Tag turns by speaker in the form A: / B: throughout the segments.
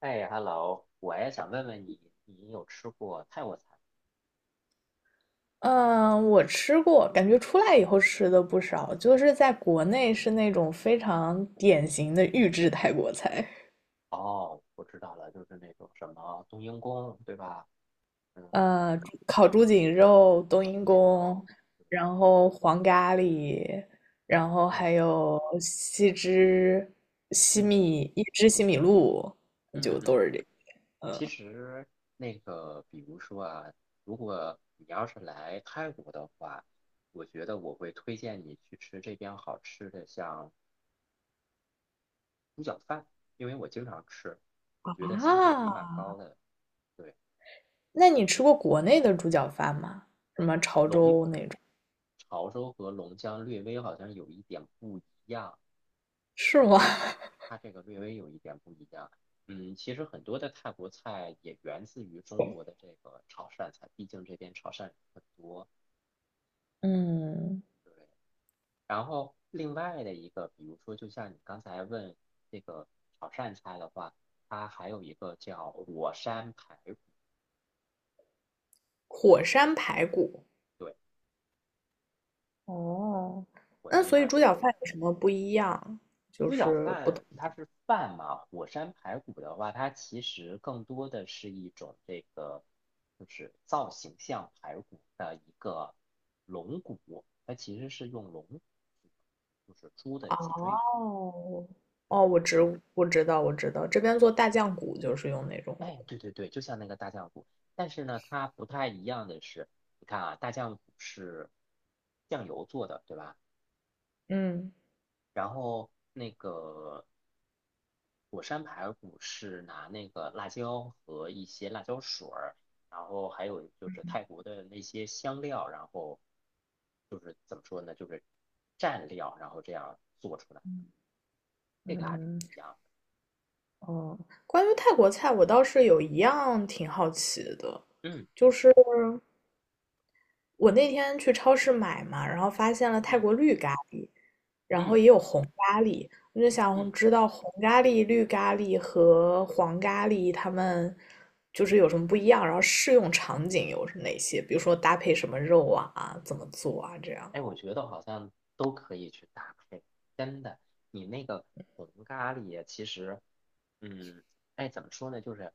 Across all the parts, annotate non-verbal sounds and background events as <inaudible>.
A: 哎，hello，我也想问问你，你有吃过泰国菜吗？
B: 嗯，我吃过，感觉出来以后吃的不少，就是在国内是那种非常典型的预制泰国菜。
A: 哦，我知道了，就是那种什么冬阴功，对吧？嗯，
B: 猪烤猪颈肉、冬
A: 烤
B: 阴
A: 猪颈
B: 功，
A: 肉，对，
B: 然后黄咖喱，然后
A: 嗯
B: 还有西汁西
A: 嗯
B: 米一汁西米露，
A: 嗯
B: 就都
A: 嗯。
B: 是这个。
A: 其
B: 嗯。
A: 实那个，比如说啊，如果你要是来泰国的话，我觉得我会推荐你去吃这边好吃的，像猪脚饭，因为我经常吃，我觉得性价
B: 啊，
A: 比蛮高的。对。
B: 那你吃过国内的猪脚饭吗？什么潮
A: 龙
B: 州那种？
A: 潮州和龙江略微好像有一点不一样，
B: 是吗？<laughs>
A: 它这个略微有一点不一样。嗯，其实很多的泰国菜也源自于中国的这个潮汕菜，毕竟这边潮汕人很多。
B: 嗯，
A: 对，然后另外的一个，比如说，就像你刚才问这个潮汕菜的话，它还有一个叫火山排骨，
B: 火山排骨。
A: 对，
B: 哦，
A: 火
B: 那
A: 山
B: 所以
A: 排
B: 猪
A: 骨。
B: 脚饭有什么不一样？就
A: 猪脚
B: 是不同。
A: 饭它是饭嘛，火山排骨的话，它其实更多的是一种这个，就是造型像排骨的一个龙骨，它其实是用龙，就是猪的脊椎，
B: 哦。
A: 对，
B: 哦，我知道我知道，这边做大酱骨就是用那种骨。
A: 哎，对对对，就像那个大酱骨，但是呢，它不太一样的是，你看啊，大酱骨是酱油做的，对吧？
B: 嗯
A: 然后那个火山排骨是拿那个辣椒和一些辣椒水儿，然后还有就是泰国的那些香料，然后就是怎么说呢，就是蘸料，然后这样做出来，这个还是不
B: 嗯。
A: 一样的。
B: 哦，关于泰国菜，我倒是有一样挺好奇的，
A: 嗯
B: 就是我那天去超市买嘛，然后发现了泰
A: 嗯
B: 国绿咖喱，然后
A: 嗯
B: 也有红咖喱。我就
A: 嗯。
B: 想知道红咖喱、绿咖喱和黄咖喱它们就是有什么不一样，然后适用场景有哪些？比如说搭配什么肉啊，怎么做啊，这样。
A: 哎，我觉得好像都可以去搭配，真的。你那个红咖喱，其实，嗯，哎，怎么说呢？就是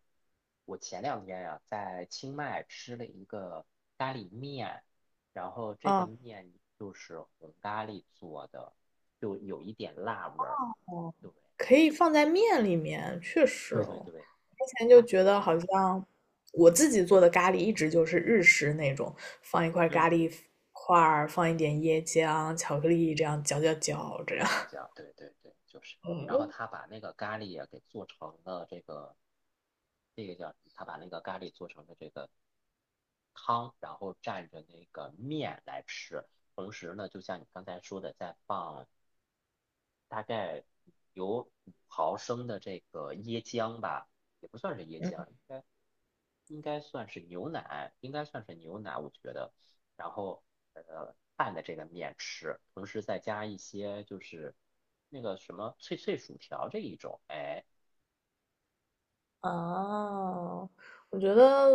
A: 我前两天呀、在清迈吃了一个咖喱面，然后这个
B: 啊。
A: 面就是红咖喱做的，就有一点辣味儿。
B: 哦，
A: 对，
B: 可以放在面里面，确实
A: 对对
B: 哦。
A: 对，
B: 之前就
A: 它，
B: 觉得好像我自己做的咖喱一直就是日式那种，放一块
A: 嗯，
B: 咖喱块儿，放一点椰浆、巧克力，这样搅搅搅，这
A: 搅
B: 样。
A: 搅
B: <laughs>
A: 搅，对对对，就是。然后
B: 嗯。
A: 他把那个咖喱也给做成了这个，这个叫什么？他把那个咖喱做成了这个汤，然后蘸着那个面来吃。同时呢，就像你刚才说的，再放大概有5毫升的这个椰浆吧，也不算是椰浆，应该。应该算是牛奶，应该算是牛奶，我觉得。然后拌的这个面吃，同时再加一些就是那个什么脆脆薯条这一种，哎，
B: 哦，我觉得，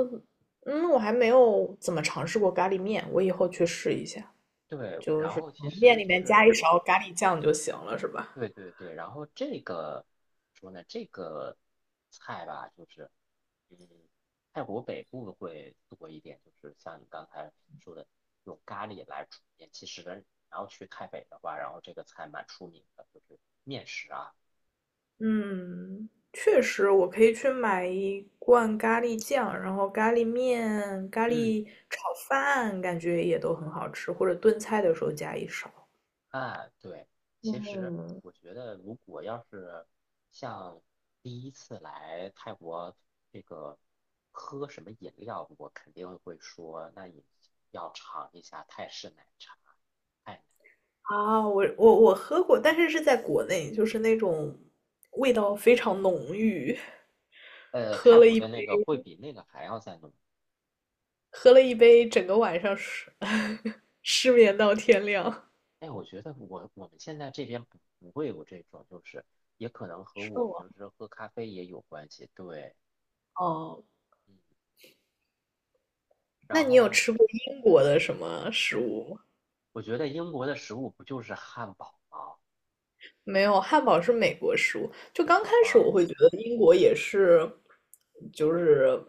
B: 嗯，我还没有怎么尝试过咖喱面，我以后去试一下，
A: 对。
B: 就
A: 然
B: 是
A: 后其
B: 面
A: 实
B: 里
A: 就
B: 面加
A: 是
B: 一勺咖喱酱就行了，是吧？
A: 对对对，然后这个怎么说呢？这个菜吧，就是嗯，泰国北部会多一点，就是像你刚才说的用咖喱来煮面。其实然后去泰北的话，然后这个菜蛮出名的，就是面食啊。
B: 嗯，确实，我可以去买一罐咖喱酱，然后咖喱面、咖
A: 嗯，
B: 喱炒饭，感觉也都很好吃，或者炖菜的时候加一勺。
A: 哎，对，其实
B: 嗯。
A: 我觉得，如果要是像第一次来泰国这个喝什么饮料，我肯定会说，那你要尝一下泰式奶茶，泰
B: 啊，我喝过，但是是在国内，就是那种味道非常浓郁，喝
A: 泰
B: 了
A: 国
B: 一
A: 的
B: 杯。
A: 那个会比那个还要再浓。
B: 喝了一杯，整个晚上失 <laughs> 失眠到天亮。
A: 哎，我觉得我们现在这边不会有这种，就是也可能和
B: 是
A: 我
B: 我。
A: 平时喝咖啡也有关系。对，
B: 哦，
A: 嗯，
B: 那
A: 然
B: 你有
A: 后
B: 吃过英国的什么食物吗？
A: 我觉得英国的食物不就是汉堡吗？
B: 没有，汉堡是美国食物。就刚开
A: 好
B: 始我
A: 吧，
B: 会觉得英国也是，就是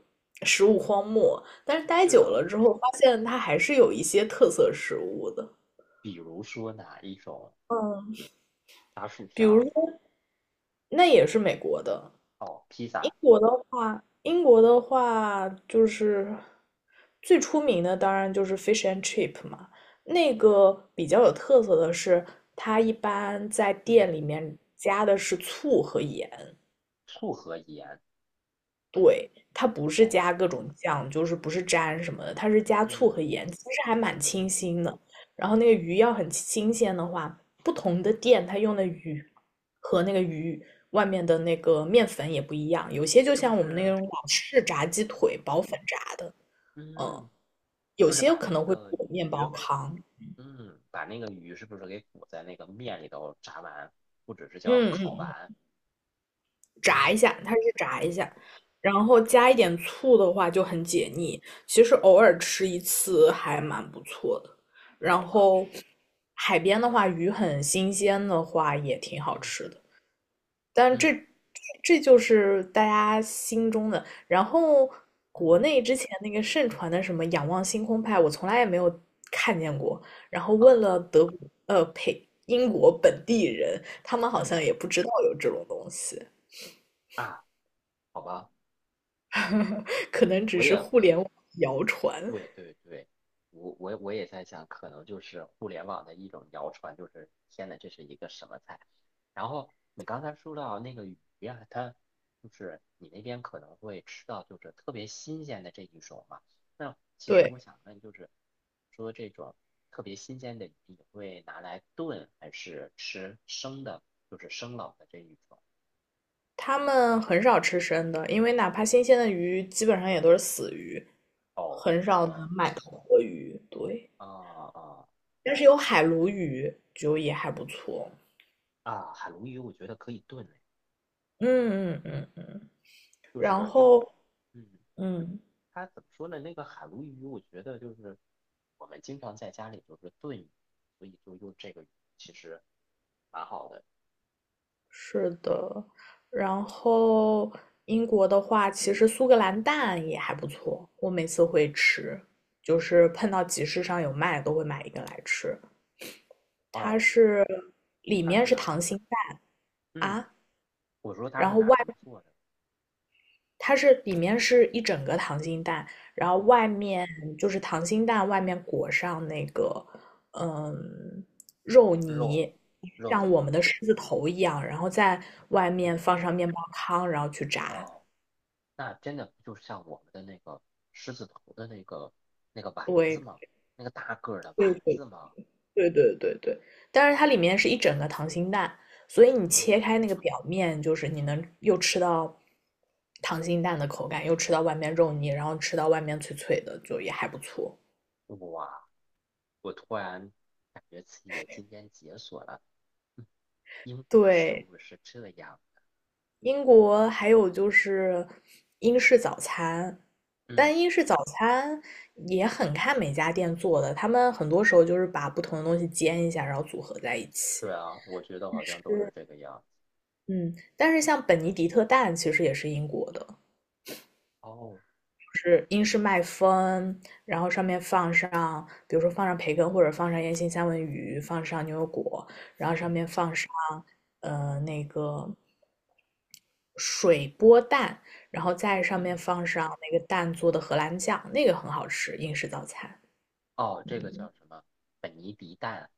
B: 食物荒漠，但是待
A: 是
B: 久
A: 的，
B: 了之后，发现它还是有一些特色食物的。
A: 比如说哪一种
B: 嗯，
A: 炸薯
B: 比如
A: 条？
B: 说，那也是美国的。
A: 哦，披
B: 英
A: 萨，
B: 国的话，英国的话就是最出名的，当然就是 fish and chip 嘛。那个比较有特色的是，它一般在
A: 嗯，
B: 店里面加的是醋和盐，
A: 醋和盐，
B: 它不是
A: 哦，
B: 加各种酱，就是不是沾什么的，它是加醋
A: 嗯
B: 和盐，其实还蛮
A: 嗯，
B: 清新的。然后那个鱼要很新鲜的话，不同的店它用的鱼和那个鱼外面的那个面粉也不一样，有些就
A: 是不
B: 像我们那
A: 是？
B: 种老式炸
A: 嗯
B: 鸡腿薄粉炸的。嗯，
A: 嗯，
B: 有
A: 就是
B: 些
A: 把
B: 可
A: 那
B: 能会
A: 个
B: 裹面
A: 鱼，
B: 包糠。
A: 把那个鱼是不是给裹在那个面里头炸完，或者是叫
B: 嗯
A: 烤
B: 嗯。
A: 完？
B: 炸
A: 嗯，
B: 一下，它是炸
A: 查
B: 一
A: 一
B: 下，
A: 下，
B: 然后加一点醋的话就很解腻。其实偶尔吃一次还蛮不错的。然
A: 好吧，
B: 后海边的话，鱼很新鲜的话也挺好
A: 嗯
B: 吃的。但这
A: 嗯
B: 这就是大家心中的。然后
A: 嗯，
B: 国内之前那个盛传的什么仰望星空派，我从来也没有看见过。然后问
A: 哦，
B: 了德国，英国本地人，他们好
A: 嗯
B: 像也不知道有这种东西。
A: 啊，好吧，
B: <laughs> 可能只
A: 我
B: 是
A: 也
B: 互联网谣传。
A: 对对对，我也在想，可能就是互联网的一种谣传，就是天呐，这是一个什么菜？然后你刚才说到那个鱼呀、它就是你那边可能会吃到就是特别新鲜的这一种嘛。那其实
B: 对，
A: 我想问，就是说这种特别新鲜的鱼，你会拿来炖还是吃生的？就是生冷的这一种？
B: 他们很少吃生的，因为哪怕新鲜的鱼，基本上也都是死鱼，
A: 哦，
B: 很
A: 宝
B: 少能
A: 宝
B: 买到活鱼。对，
A: 啊啊
B: 但是有海鲈鱼，就也还不错。
A: 啊，海鲈鱼我觉得可以炖哎，
B: 嗯嗯嗯嗯，
A: 就
B: 然
A: 是因为。
B: 后
A: 嗯，
B: 嗯，
A: 它怎么说呢？那个海鲈鱼，我觉得就是我们经常在家里就是炖鱼所以就用这个鱼，其实蛮好的。
B: 是的。然后英国的话，其实苏格兰蛋也还不错，我每次会吃，就是碰到集市上有卖都会买一个来吃。它
A: 哦，
B: 是里
A: 它
B: 面
A: 是
B: 是
A: 拿，
B: 溏心蛋。
A: 嗯，
B: 啊，
A: 我说它
B: 然
A: 是
B: 后
A: 拿
B: 外
A: 什么做的？
B: 它是里面是一整个溏心蛋，然后
A: 哦，
B: 外面就是溏心蛋外面裹上那个嗯肉
A: 肉，
B: 泥，
A: 肉
B: 像我
A: 泥，
B: 们的狮子头一样，然后在外面
A: 对，
B: 放上面包糠，然后去炸。
A: 哦，那真的不就是像我们的那个狮子头的那个丸子
B: 对
A: 吗？那个大个儿的丸
B: 对对
A: 子吗？
B: 对，但是它里面是一整个溏心蛋，所以你
A: 嗯，
B: 切开那个表面，就是你能又吃到溏心蛋的口感，又吃到外面肉泥，然后吃到外面脆脆的，就也还不错。
A: 哇，我突然感觉自己今天解锁了，嗯，英国的食
B: 对，
A: 物是这样，
B: 英国还有就是英式早餐。
A: 嗯。
B: 但英式早餐也很看每家店做的，他们很多时候就是把不同的东西煎一下，然后组合在一
A: 对
B: 起。
A: 啊，我觉得好像都是这个样子。
B: 嗯，但是像本尼迪特蛋其实也是英国的，
A: 哦，
B: 是英式麦风，然后上面放上，比如说放上培根或者放上烟熏三文鱼，放上牛油果，然后上
A: 嗯
B: 面放上那个水波蛋，然后再上面
A: 嗯，
B: 放上那个蛋做的荷兰酱，那个很好吃，英式早餐。
A: 哦，这个
B: 嗯，
A: 叫什么？本尼迪蛋，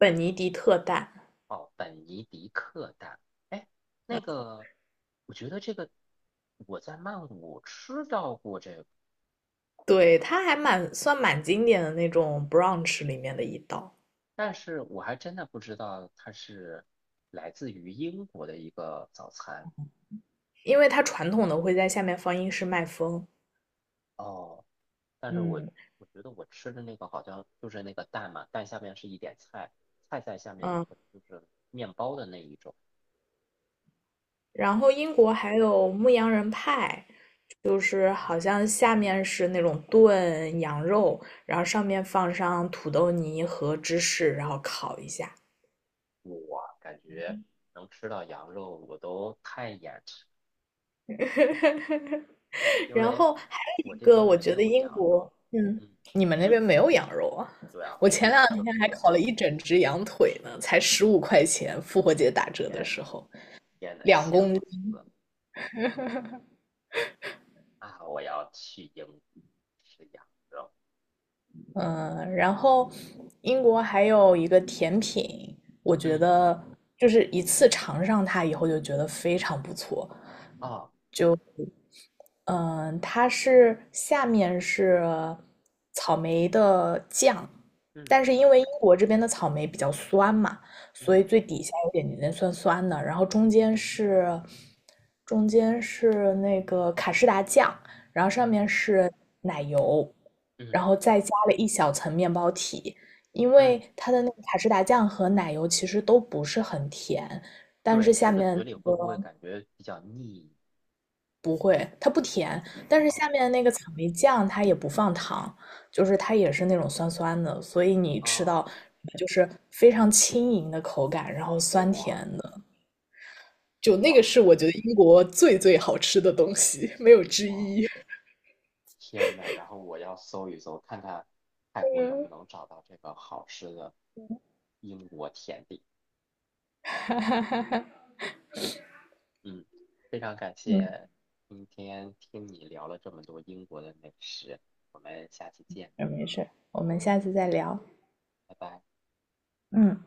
B: 本尼迪特蛋，
A: 哦，本尼迪克蛋。哎，那个，我觉得这个我在曼谷吃到过这个，
B: 对，它还蛮算蛮经典的那种 brunch 里面的一道，
A: 但是我还真的不知道它是来自于英国的一个早餐。
B: 因为它传统的会在下面放英式麦风。
A: 哦，但是我
B: 嗯
A: 我觉得我吃的那个好像就是那个蛋嘛，蛋下面是一点菜，菜在下面
B: 嗯。
A: 可能就是面包的那一种。
B: 然后英国还有牧羊人派，就是好
A: 嗯
B: 像下面是那种炖羊肉，然后上面放上土豆泥和芝士，然后烤一下。
A: 我啊感觉能吃到羊肉，我都太眼馋，
B: <laughs>
A: 因
B: 然
A: 为
B: 后还
A: 我
B: 有一
A: 这
B: 个，
A: 边
B: 我
A: 没
B: 觉得
A: 有
B: 英
A: 羊
B: 国，
A: 肉。
B: 嗯，
A: 嗯，
B: 你们那边没有羊肉啊？
A: 对啊，
B: 我
A: 没有
B: 前两
A: 羊肉。
B: 天还烤了一整只羊腿呢，才15块钱，复活节打折的
A: 天
B: 时
A: 呐，
B: 候，
A: 天呐，
B: 两
A: 羡
B: 公。
A: 慕死了啊！我要去英国吃羊肉。
B: 嗯，然后英国还有一个甜品，我觉
A: 嗯，
B: 得就是一次尝上它以后就觉得非常不错，
A: 哦，
B: 嗯，它是下面是草莓的酱，
A: 嗯
B: 但是因为英国这边的草莓比较酸嘛，所以
A: 嗯
B: 最底下有点点酸酸的，然后中间是中间是那个卡士达酱，然后上面
A: 嗯
B: 是奶油，
A: 嗯
B: 然后再加了一小层面包体，因为
A: 嗯，
B: 它的那个卡士达酱和奶油其实都不是很甜，但
A: 对，
B: 是
A: 吃
B: 下
A: 的
B: 面
A: 嘴里会
B: 那
A: 不会感觉比较腻？
B: 不会，它不甜，
A: 哦
B: 但是下
A: 哦
B: 面那个草莓酱它也不放糖，就是它也是那种酸酸的，所以你吃
A: 哦，
B: 到就是非常轻盈的口感，然后酸
A: 哇
B: 甜的。就那个
A: 哇
B: 是我觉得英国最最好吃的东西，没有之
A: 哇！
B: 一。
A: 天呐，然后我要搜一搜，看看泰国能不能找到这个好吃的英国甜点。嗯，非常感
B: 嗯，
A: 谢今天听你聊了这么多英国的美食，我们下期见，
B: 没事，我们下次再聊。
A: 拜拜。
B: 嗯。